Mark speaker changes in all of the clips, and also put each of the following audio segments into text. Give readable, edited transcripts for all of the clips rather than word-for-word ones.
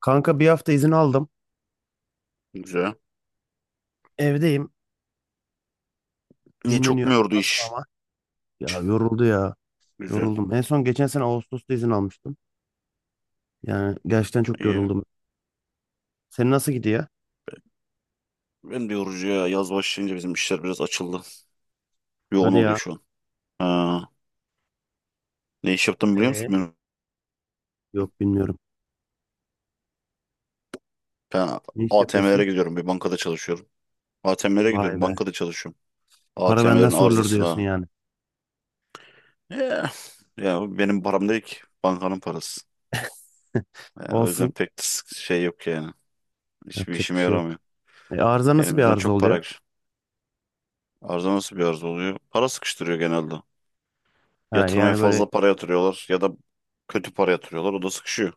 Speaker 1: Kanka bir hafta izin aldım.
Speaker 2: Güzel.
Speaker 1: Evdeyim.
Speaker 2: Niye çok mu
Speaker 1: Dinleniyorum.
Speaker 2: yordu
Speaker 1: Nasıl
Speaker 2: iş?
Speaker 1: ama? Ya yoruldu ya.
Speaker 2: Güzel.
Speaker 1: Yoruldum. En son geçen sene Ağustos'ta izin almıştım. Yani gerçekten çok
Speaker 2: İyi.
Speaker 1: yoruldum. Senin nasıl gidiyor?
Speaker 2: Ben de yorucu ya. Yaz başlayınca bizim işler biraz açıldı. Yoğun
Speaker 1: Hadi
Speaker 2: oluyor
Speaker 1: ya.
Speaker 2: şu an. Ha. Ne iş yaptım biliyor musun?
Speaker 1: Ee,
Speaker 2: Ben
Speaker 1: yok bilmiyorum.
Speaker 2: ben
Speaker 1: Ne iş
Speaker 2: ATM'lere
Speaker 1: yapıyorsun?
Speaker 2: gidiyorum. Bir bankada çalışıyorum. ATM'lere
Speaker 1: Vay
Speaker 2: gidiyorum.
Speaker 1: be.
Speaker 2: Bankada çalışıyorum.
Speaker 1: Para benden
Speaker 2: ATM'lerin
Speaker 1: sorulur diyorsun
Speaker 2: arızasına.
Speaker 1: yani.
Speaker 2: Ya, ya, bu benim param değil ki. Bankanın parası. Ya, o yüzden
Speaker 1: Olsun.
Speaker 2: pek de şey yok yani. Hiçbir
Speaker 1: Yapacak bir
Speaker 2: işime
Speaker 1: şey yok.
Speaker 2: yaramıyor.
Speaker 1: Arıza nasıl bir
Speaker 2: Elimizden
Speaker 1: arıza
Speaker 2: çok para
Speaker 1: oluyor?
Speaker 2: gidiyor. Arıza nasıl bir arıza oluyor? Para sıkıştırıyor genelde.
Speaker 1: Ha,
Speaker 2: Yatırmaya
Speaker 1: yani böyle
Speaker 2: fazla para yatırıyorlar ya da kötü para yatırıyorlar. O da sıkışıyor.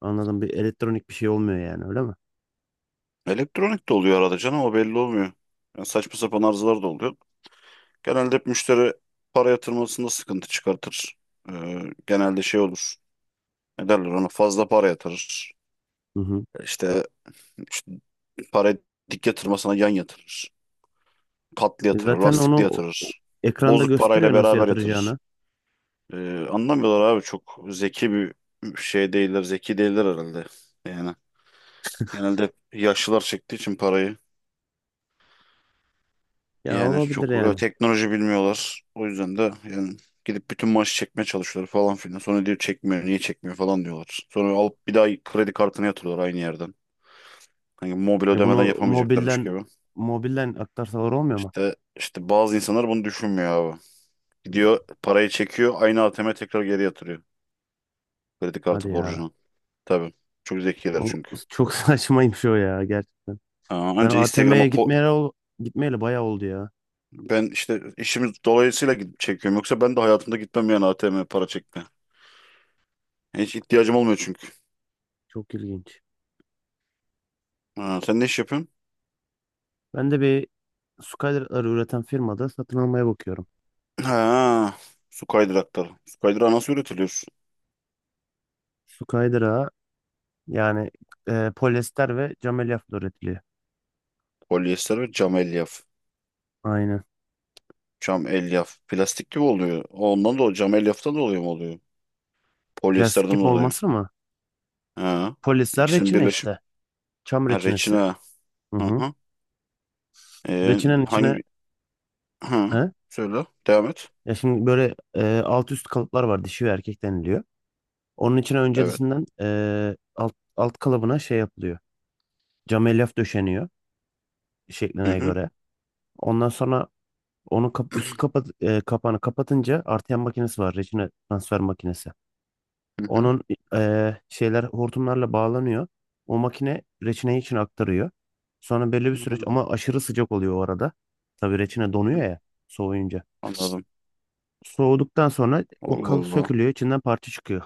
Speaker 1: anladım, bir elektronik bir şey olmuyor yani, öyle mi?
Speaker 2: Elektronik de oluyor arada canım, o belli olmuyor. Yani saçma sapan arızalar da oluyor. Genelde hep müşteri para yatırmasında sıkıntı çıkartır. Ee, Genelde şey olur. Ne derler ona, fazla para yatırır.
Speaker 1: Hı hı.
Speaker 2: İşte, işte, para dik yatırmasına yan yatırır. Katlı
Speaker 1: E,
Speaker 2: yatırır,
Speaker 1: zaten onu
Speaker 2: lastikli yatırır.
Speaker 1: ekranda
Speaker 2: Bozuk parayla
Speaker 1: gösteriyor nasıl
Speaker 2: beraber yatırır.
Speaker 1: yatıracağını.
Speaker 2: Anlamıyorlar abi, çok zeki bir şey değiller, zeki değiller herhalde. Yani genelde hep yaşlılar çektiği için parayı.
Speaker 1: Ya
Speaker 2: Yani
Speaker 1: olabilir
Speaker 2: çok
Speaker 1: yani.
Speaker 2: teknoloji bilmiyorlar. O yüzden de yani gidip bütün maaşı çekmeye çalışıyorlar falan filan. Sonra diyor çekmiyor, niye çekmiyor falan diyorlar. Sonra alıp bir daha kredi kartını yatırıyorlar aynı yerden. Hani mobil
Speaker 1: Bunu
Speaker 2: ödemeden yapamayacaklarmış
Speaker 1: mobilden
Speaker 2: gibi.
Speaker 1: mobilden aktarsalar olmuyor mu?
Speaker 2: İşte, bazı insanlar bunu düşünmüyor abi.
Speaker 1: Hmm.
Speaker 2: Gidiyor parayı çekiyor, aynı ATM'e tekrar geri yatırıyor kredi
Speaker 1: Hadi
Speaker 2: kartı
Speaker 1: ya.
Speaker 2: borcunu. Tabii. Çok zekiler
Speaker 1: O
Speaker 2: çünkü.
Speaker 1: çok saçmaymış o ya, gerçekten.
Speaker 2: Aa,
Speaker 1: Ben ATM'ye gitmeyeli gitmeyeli bayağı oldu ya.
Speaker 2: Ben işte işimiz dolayısıyla gidip çekiyorum. Yoksa ben de hayatımda gitmem yani ATM'ye para çekme. Hiç ihtiyacım olmuyor çünkü.
Speaker 1: Çok ilginç.
Speaker 2: Ha, sen ne iş yapıyorsun?
Speaker 1: Ben de bir Skyder'ları üreten firmada satın almaya bakıyorum.
Speaker 2: Ha, su kaydırakları. Su kaydırağı nasıl üretiliyor?
Speaker 1: Skyder'a yani polyester ve cam elyafla üretiliyor.
Speaker 2: Polyester ve cam elyaf.
Speaker 1: Aynen.
Speaker 2: Cam elyaf. Plastik gibi oluyor. Ondan dolayı, cam elyaftan dolayı mı oluyor?
Speaker 1: Plastik
Speaker 2: Polyesterden
Speaker 1: gibi
Speaker 2: dolayı.
Speaker 1: olması mı?
Speaker 2: Ha,
Speaker 1: Polyester
Speaker 2: ikisinin
Speaker 1: reçine
Speaker 2: birleşim.
Speaker 1: işte. Çam
Speaker 2: Ha,
Speaker 1: reçinesi.
Speaker 2: reçine.
Speaker 1: Hı
Speaker 2: Hı
Speaker 1: hı.
Speaker 2: hı. Ee,
Speaker 1: Reçinenin içine,
Speaker 2: hangi? Hı.
Speaker 1: he?
Speaker 2: Söyle. Devam et.
Speaker 1: Ya şimdi böyle alt üst kalıplar var. Dişi ve erkek deniliyor. Onun için
Speaker 2: Evet.
Speaker 1: öncesinden alt kalıbına şey yapılıyor. Cam elyaf döşeniyor
Speaker 2: Hı
Speaker 1: şekline
Speaker 2: hı.
Speaker 1: göre. Ondan sonra onun kapağını kapatınca, artıyan makinesi var. Reçine transfer makinesi.
Speaker 2: Hı hı.
Speaker 1: Onun şeyler hortumlarla bağlanıyor. O makine reçineyi için aktarıyor. Sonra belli bir
Speaker 2: Hı
Speaker 1: süreç,
Speaker 2: hı.
Speaker 1: ama aşırı sıcak oluyor o arada. Tabii reçine donuyor ya, soğuyunca.
Speaker 2: Anladım.
Speaker 1: Soğuduktan sonra o
Speaker 2: Allah
Speaker 1: kalıp
Speaker 2: Allah.
Speaker 1: sökülüyor. İçinden parça çıkıyor.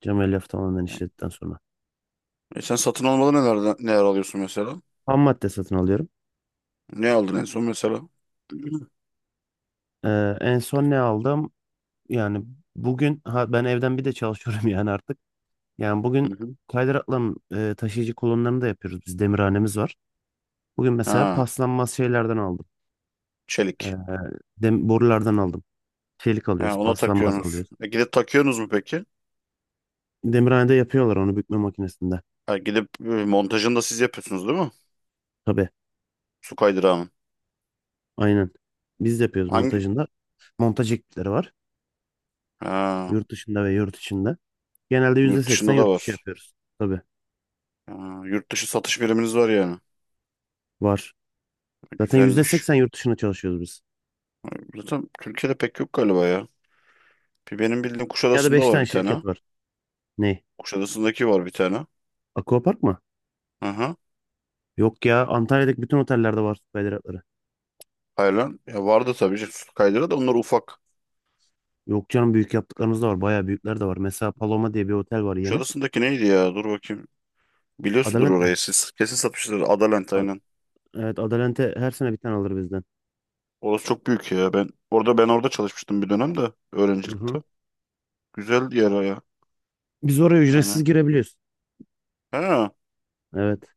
Speaker 1: Cam elyaf tamamen işledikten sonra.
Speaker 2: E, sen satın almadan neler, neler alıyorsun mesela?
Speaker 1: Ham madde satın alıyorum.
Speaker 2: Ne aldın en son mesela?
Speaker 1: En son ne aldım? Yani bugün, ha, ben evden bir de çalışıyorum yani artık. Yani bugün
Speaker 2: Hı hı.
Speaker 1: kaydırakların taşıyıcı kolonlarını da yapıyoruz. Biz demirhanemiz var. Bugün mesela
Speaker 2: Ha,
Speaker 1: paslanmaz şeylerden aldım. Ee,
Speaker 2: çelik.
Speaker 1: borulardan aldım. Çelik
Speaker 2: He,
Speaker 1: alıyoruz,
Speaker 2: ona
Speaker 1: paslanmaz
Speaker 2: takıyorsunuz.
Speaker 1: alıyoruz.
Speaker 2: E, gidip takıyorsunuz mu peki?
Speaker 1: Demirhanede yapıyorlar onu, bükme makinesinde.
Speaker 2: Ha, gidip montajını da siz yapıyorsunuz değil mi?
Speaker 1: Tabii,
Speaker 2: Su kaydırağının.
Speaker 1: aynen. Biz de yapıyoruz
Speaker 2: Hangi?
Speaker 1: montajında. Montaj ekipleri var.
Speaker 2: Ha,
Speaker 1: Yurt dışında ve yurt içinde. Genelde yüzde
Speaker 2: yurt
Speaker 1: seksen
Speaker 2: dışında da
Speaker 1: yurt dışı
Speaker 2: var.
Speaker 1: yapıyoruz. Tabii,
Speaker 2: Ha, yurt dışı satış biriminiz var yani.
Speaker 1: var.
Speaker 2: E,
Speaker 1: Zaten yüzde
Speaker 2: güzelmiş.
Speaker 1: seksen yurt dışına çalışıyoruz biz.
Speaker 2: Zaten Türkiye'de pek yok galiba ya. Bir benim bildiğim
Speaker 1: Dünyada
Speaker 2: Kuşadası'nda
Speaker 1: 5
Speaker 2: var
Speaker 1: tane
Speaker 2: bir tane.
Speaker 1: şirket var. Ne?
Speaker 2: Kuşadası'ndaki var bir tane.
Speaker 1: Aquapark mı?
Speaker 2: Hı hı.
Speaker 1: Yok ya, Antalya'daki bütün otellerde var süper hidratları.
Speaker 2: Haylan. Ya vardı tabii ki, su kaydırağı da onlar ufak.
Speaker 1: Yok canım, büyük yaptıklarınız da var. Bayağı büyükler de var. Mesela Paloma diye bir otel var yeni.
Speaker 2: Kuşadası'ndaki neydi ya? Dur bakayım. Biliyorsundur
Speaker 1: Adalent mi?
Speaker 2: orayı siz. Kesin satmışlar. Adalent
Speaker 1: A-
Speaker 2: aynen.
Speaker 1: evet Adalent'e her sene bir tane alır bizden.
Speaker 2: Orası çok büyük ya. Ben orada çalışmıştım bir dönem de
Speaker 1: Hı hı.
Speaker 2: öğrencilikte. Güzel yer o ya.
Speaker 1: Biz oraya ücretsiz
Speaker 2: Yani.
Speaker 1: girebiliyoruz.
Speaker 2: Ha.
Speaker 1: Evet.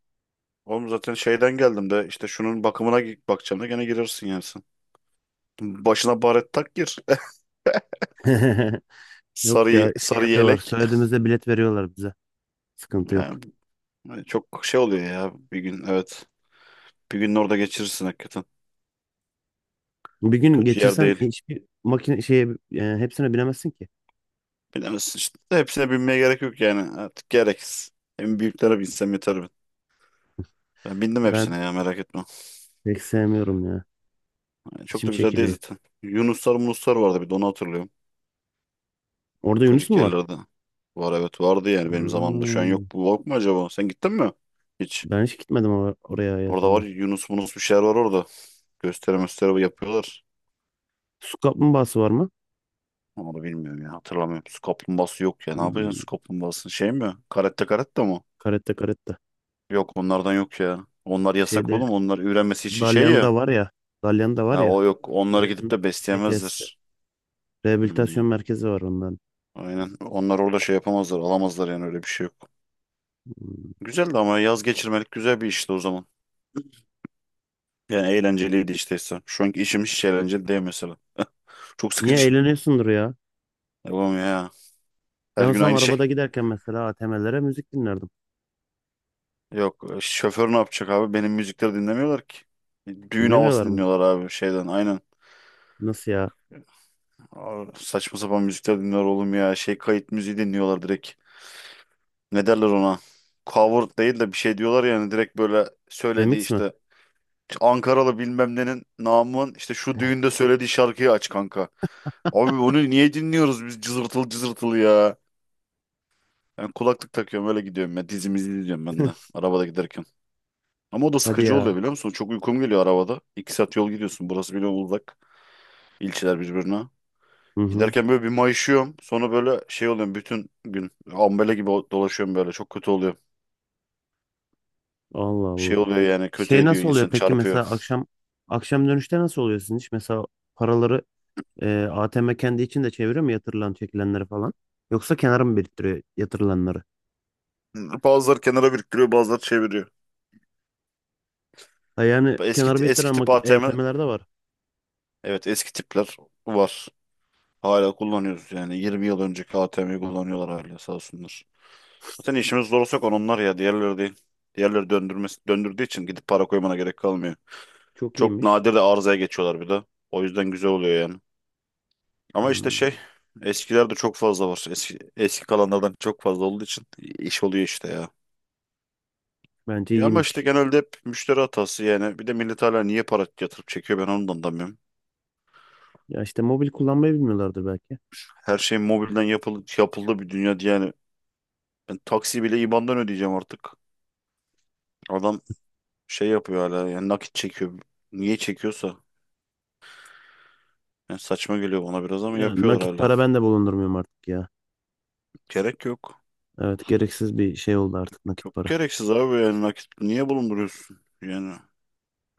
Speaker 2: Oğlum zaten şeyden geldim de işte şunun bakımına bakacağım da gene girersin yani sen. Başına baret tak gir.
Speaker 1: Yok ya,
Speaker 2: Sarı,
Speaker 1: şey
Speaker 2: sarı
Speaker 1: yapıyorlar.
Speaker 2: yelek.
Speaker 1: Söylediğimizde bilet veriyorlar bize. Sıkıntı yok.
Speaker 2: Yani çok şey oluyor ya bir gün, evet. Bir gün orada geçirirsin hakikaten.
Speaker 1: Bir gün
Speaker 2: Kötü yer
Speaker 1: geçirsen
Speaker 2: değil.
Speaker 1: hiçbir makine şeye, hepsine binemezsin ki.
Speaker 2: Bilemezsin işte. Hepsine binmeye gerek yok yani. Artık gereksiz. En büyüklere binsem yeter ben. Ben bindim
Speaker 1: Ben
Speaker 2: hepsine ya, merak etme.
Speaker 1: pek sevmiyorum ya.
Speaker 2: Yani çok
Speaker 1: İçim
Speaker 2: da güzel değil
Speaker 1: çekiliyor.
Speaker 2: zaten. Yunuslar munuslar vardı, bir de onu hatırlıyorum.
Speaker 1: Orada Yunus
Speaker 2: Ufacık
Speaker 1: mu var?
Speaker 2: yerlerde. Var, evet, vardı yani benim zamanımda. Şu an yok.
Speaker 1: Hmm.
Speaker 2: Bu yok mu acaba? Sen gittin mi? Hiç.
Speaker 1: Ben hiç gitmedim oraya
Speaker 2: Orada var,
Speaker 1: hayatımda.
Speaker 2: Yunus Munus bir şeyler var orada. Gösteri gösteri yapıyorlar.
Speaker 1: Su kaplumbağası var mı?
Speaker 2: Onu bilmiyorum ya, hatırlamıyorum. Su kaplumbağası yok ya. Ne yapacaksın su
Speaker 1: Hmm,
Speaker 2: kaplumbağasını? Şey mi? Karette karette mi?
Speaker 1: karette karette.
Speaker 2: Yok, onlardan yok ya. Onlar yasak
Speaker 1: Şeyde,
Speaker 2: oğlum. Onlar ürenmesi için şey ya.
Speaker 1: Dalyan'da var ya. Dalyan'da var
Speaker 2: Ha,
Speaker 1: ya.
Speaker 2: o yok. Onları gidip
Speaker 1: Üretim
Speaker 2: de
Speaker 1: şey tesisi.
Speaker 2: besleyemezler. Hmm.
Speaker 1: Rehabilitasyon merkezi var onların.
Speaker 2: Aynen. Onlar orada şey yapamazlar. Alamazlar, yani öyle bir şey yok.
Speaker 1: Hmm.
Speaker 2: Güzeldi ama, yaz geçirmelik güzel bir işti o zaman. Yani eğlenceliydi işte. Şu anki işim hiç eğlenceli değil mesela. Çok
Speaker 1: Niye
Speaker 2: sıkıcı.
Speaker 1: eğleniyorsundur ya?
Speaker 2: Yapamıyor ya.
Speaker 1: Ben
Speaker 2: Her gün
Speaker 1: olsam
Speaker 2: aynı şey.
Speaker 1: arabada giderken mesela ATM'lere müzik dinlerdim.
Speaker 2: Yok, şoför ne yapacak abi? Benim müzikleri dinlemiyorlar ki. E, düğün havası
Speaker 1: Dinlemiyorlar mı?
Speaker 2: dinliyorlar abi, şeyden aynen.
Speaker 1: Nasıl ya?
Speaker 2: Abi, saçma sapan müzikler dinliyorlar oğlum ya. Şey kayıt müziği dinliyorlar direkt. Ne derler ona? Cover değil de bir şey diyorlar yani, direkt böyle söylediği
Speaker 1: Remix mi?
Speaker 2: işte Ankaralı bilmem nenin namın işte şu düğünde söylediği şarkıyı aç kanka. Abi, onu niye dinliyoruz biz, cızırtılı cızırtılı ya? Ben kulaklık takıyorum, öyle gidiyorum ya. Dizimi izliyorum ben de arabada giderken. Ama o da
Speaker 1: Hadi
Speaker 2: sıkıcı oluyor
Speaker 1: ya.
Speaker 2: biliyor musun? Çok uykum geliyor arabada. 2 saat yol gidiyorsun. Burası biliyorum uzak. İlçeler birbirine.
Speaker 1: Hı hı.
Speaker 2: Giderken böyle bir mayışıyorum. Sonra böyle şey oluyorum bütün gün. Ambele gibi dolaşıyorum böyle. Çok kötü oluyor.
Speaker 1: Allah
Speaker 2: Şey
Speaker 1: Allah.
Speaker 2: oluyor yani, kötü
Speaker 1: Şey
Speaker 2: ediyor,
Speaker 1: nasıl oluyor
Speaker 2: insan
Speaker 1: peki,
Speaker 2: çarpıyor.
Speaker 1: mesela akşam akşam dönüşte nasıl oluyor sizin iş? Mesela paraları ATM kendi içinde çeviriyor mu, yatırılan çekilenleri falan? Yoksa kenara mı biriktiriyor yatırılanları?
Speaker 2: Bazıları kenara biriktiriyor, bazıları çeviriyor.
Speaker 1: Ha, yani
Speaker 2: Eski,
Speaker 1: kenar
Speaker 2: eski
Speaker 1: bettiren
Speaker 2: tip ATM,
Speaker 1: EYTM'ler de var.
Speaker 2: evet, eski tipler var. Hala kullanıyoruz yani, 20 yıl önceki ATM'yi kullanıyorlar hala sağ olsunlar. Zaten işimiz zor olsak onlar ya, diğerleri değil. Diğerleri döndürmesi, döndürdüğü için gidip para koymana gerek kalmıyor.
Speaker 1: Çok
Speaker 2: Çok
Speaker 1: iyiymiş.
Speaker 2: nadir de arızaya geçiyorlar bir de. O yüzden güzel oluyor yani. Ama işte
Speaker 1: Hmm.
Speaker 2: şey, eskilerde çok fazla var. Eski kalanlardan çok fazla olduğu için iş oluyor işte ya.
Speaker 1: Bence
Speaker 2: Ya ama işte
Speaker 1: iyiymiş.
Speaker 2: genelde hep müşteri hatası yani. Bir de millet hala niye para yatırıp çekiyor, ben onu da anlamıyorum.
Speaker 1: Ya işte, mobil kullanmayı bilmiyorlardır belki.
Speaker 2: Her şey mobilden yapıldı, yapıldı bir dünya diye yani. Ben taksi bile IBAN'dan ödeyeceğim artık. Adam şey yapıyor hala yani, nakit çekiyor. Niye çekiyorsa. Yani saçma geliyor bana biraz ama
Speaker 1: Yani
Speaker 2: yapıyorlar
Speaker 1: nakit
Speaker 2: hala.
Speaker 1: para ben de bulundurmuyorum artık ya.
Speaker 2: Gerek yok.
Speaker 1: Evet, gereksiz bir şey oldu artık nakit
Speaker 2: Çok
Speaker 1: para.
Speaker 2: gereksiz abi, yani nakit niye bulunduruyorsun? Yani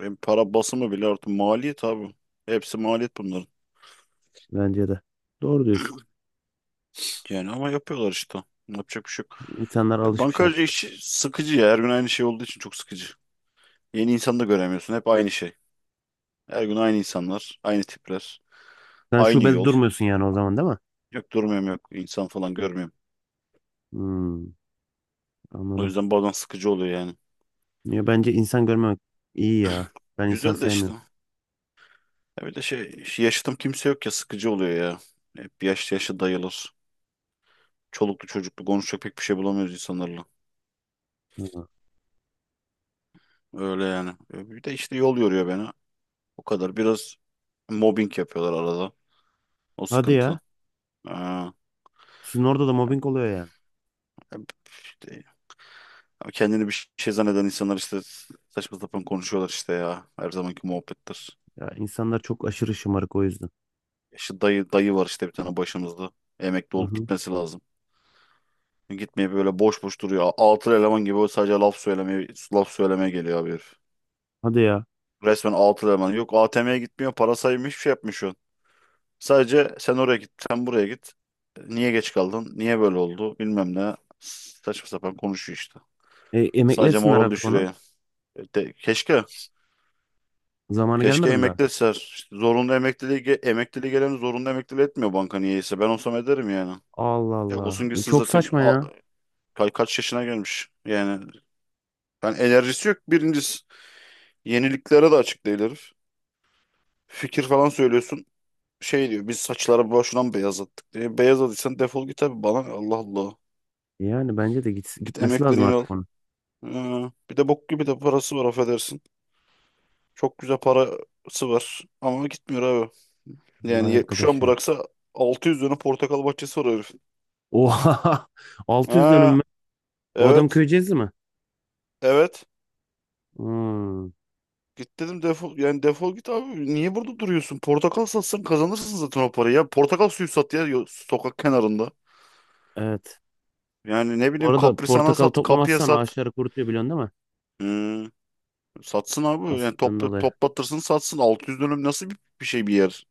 Speaker 2: hem para basımı bile artık maliyet abi. Hepsi maliyet bunların.
Speaker 1: Bence de. Doğru diyorsun.
Speaker 2: Yani ama yapıyorlar işte. Yapacak bir şey yok.
Speaker 1: İnsanlar
Speaker 2: Ya
Speaker 1: alışmış
Speaker 2: bankacı
Speaker 1: artık.
Speaker 2: işi sıkıcı ya. Her gün aynı şey olduğu için çok sıkıcı. Yeni insan da göremiyorsun. Hep aynı şey. Her gün aynı insanlar, aynı tipler,
Speaker 1: Sen
Speaker 2: aynı
Speaker 1: şubede
Speaker 2: yol.
Speaker 1: durmuyorsun yani o zaman, değil mi?
Speaker 2: Yok, durmuyorum, yok, insan falan görmüyorum.
Speaker 1: Hmm,
Speaker 2: O
Speaker 1: anladım.
Speaker 2: yüzden bazen sıkıcı oluyor yani.
Speaker 1: Ya bence insan görmemek iyi ya. Ben insan
Speaker 2: Güzel de işte.
Speaker 1: sevmiyorum.
Speaker 2: Öyle şey, yaşıtım kimse yok ya, sıkıcı oluyor ya. Hep yaşlı yaşlı dayılar. Çoluklu çocuklu, konuşacak pek bir şey bulamıyoruz insanlarla.
Speaker 1: Hı.
Speaker 2: Öyle yani. E, bir de işte yol yoruyor beni. O kadar. Biraz mobbing yapıyorlar arada. O
Speaker 1: Hadi
Speaker 2: sıkıntı.
Speaker 1: ya.
Speaker 2: Aa,
Speaker 1: Sizin orada da mobbing oluyor yani.
Speaker 2: e, işte, kendini bir şey zanneden insanlar işte saçma sapan konuşuyorlar işte ya. Her zamanki muhabbettir.
Speaker 1: Ya insanlar çok aşırı şımarık, o yüzden.
Speaker 2: İşte dayı var işte bir tane başımızda. Emekli
Speaker 1: Hı
Speaker 2: olup
Speaker 1: hı.
Speaker 2: gitmesi lazım. Gitmeye böyle boş boş duruyor. Altı eleman gibi böyle, sadece laf söylemeye, laf söylemeye geliyor abi herif.
Speaker 1: Hadi ya.
Speaker 2: Resmen 6 eleman. Yok, ATM'ye gitmiyor. Para saymış, hiçbir şey yapmıyor. Sadece sen oraya git. Sen buraya git. Niye geç kaldın? Niye böyle oldu? Bilmem ne. Saçma sapan konuşuyor işte.
Speaker 1: Emekli
Speaker 2: Sadece
Speaker 1: etsinler
Speaker 2: moral
Speaker 1: artık onu.
Speaker 2: düşürüyor. Keşke.
Speaker 1: Zamanı
Speaker 2: Keşke
Speaker 1: gelmedi mi daha?
Speaker 2: emekliler. İşte zorunlu emekliliği, emekliliği gelen zorunlu emekliliği etmiyor banka niyeyse. Ben olsam ederim yani.
Speaker 1: Allah
Speaker 2: Ya
Speaker 1: Allah.
Speaker 2: olsun gitsin
Speaker 1: Çok
Speaker 2: zaten,
Speaker 1: saçma ya.
Speaker 2: Kaç yaşına gelmiş. Yani ben, enerjisi yok birincisi. Yeniliklere de açık değil herif. Fikir falan söylüyorsun. Şey diyor, biz saçları boşuna mı beyazlattık diye. Beyazladıysan defol git abi. Bana ne? Allah Allah.
Speaker 1: Yani bence de git,
Speaker 2: Git
Speaker 1: gitmesi lazım
Speaker 2: emeklerini al.
Speaker 1: artık onun.
Speaker 2: Ee, Bir de bok gibi de parası var, affedersin. Çok güzel parası var ama gitmiyor abi. Yani
Speaker 1: Vay
Speaker 2: şu
Speaker 1: arkadaş
Speaker 2: an
Speaker 1: ya.
Speaker 2: bıraksa 600 dönüm portakal bahçesi var herifin.
Speaker 1: Oha! 600 dönüm
Speaker 2: Ha,
Speaker 1: mü? O adam
Speaker 2: evet,
Speaker 1: köyceğiz mi?
Speaker 2: evet.
Speaker 1: Hmm,
Speaker 2: Git dedim, defol yani, defol git abi. Niye burada duruyorsun? Portakal satsan kazanırsın zaten o parayı ya. Portakal suyu sat ya, sokak kenarında.
Speaker 1: evet.
Speaker 2: Yani ne
Speaker 1: Bu
Speaker 2: bileyim
Speaker 1: arada
Speaker 2: kaprisana
Speaker 1: portakal
Speaker 2: sat, kapıya
Speaker 1: toplamazsan
Speaker 2: sat.
Speaker 1: ağaçları kurutuyor biliyorsun, değil mi?
Speaker 2: Hmm. Satsın abi. Yani
Speaker 1: Asitten
Speaker 2: topla,
Speaker 1: dolayı.
Speaker 2: toplatırsın, satsın. 600 dönüm nasıl bir şey bir yer?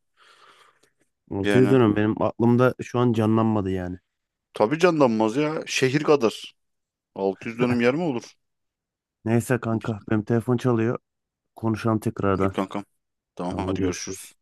Speaker 1: 600
Speaker 2: Yani
Speaker 1: dönüm benim aklımda şu an canlanmadı yani.
Speaker 2: tabii canlanmaz ya. Şehir kadar. 600 dönüm yer mi olur?
Speaker 1: Neyse kanka, benim telefon çalıyor. Konuşalım
Speaker 2: İyi
Speaker 1: tekrardan.
Speaker 2: kankam. Tamam
Speaker 1: Tamam,
Speaker 2: hadi görüşürüz.
Speaker 1: görüşürüz.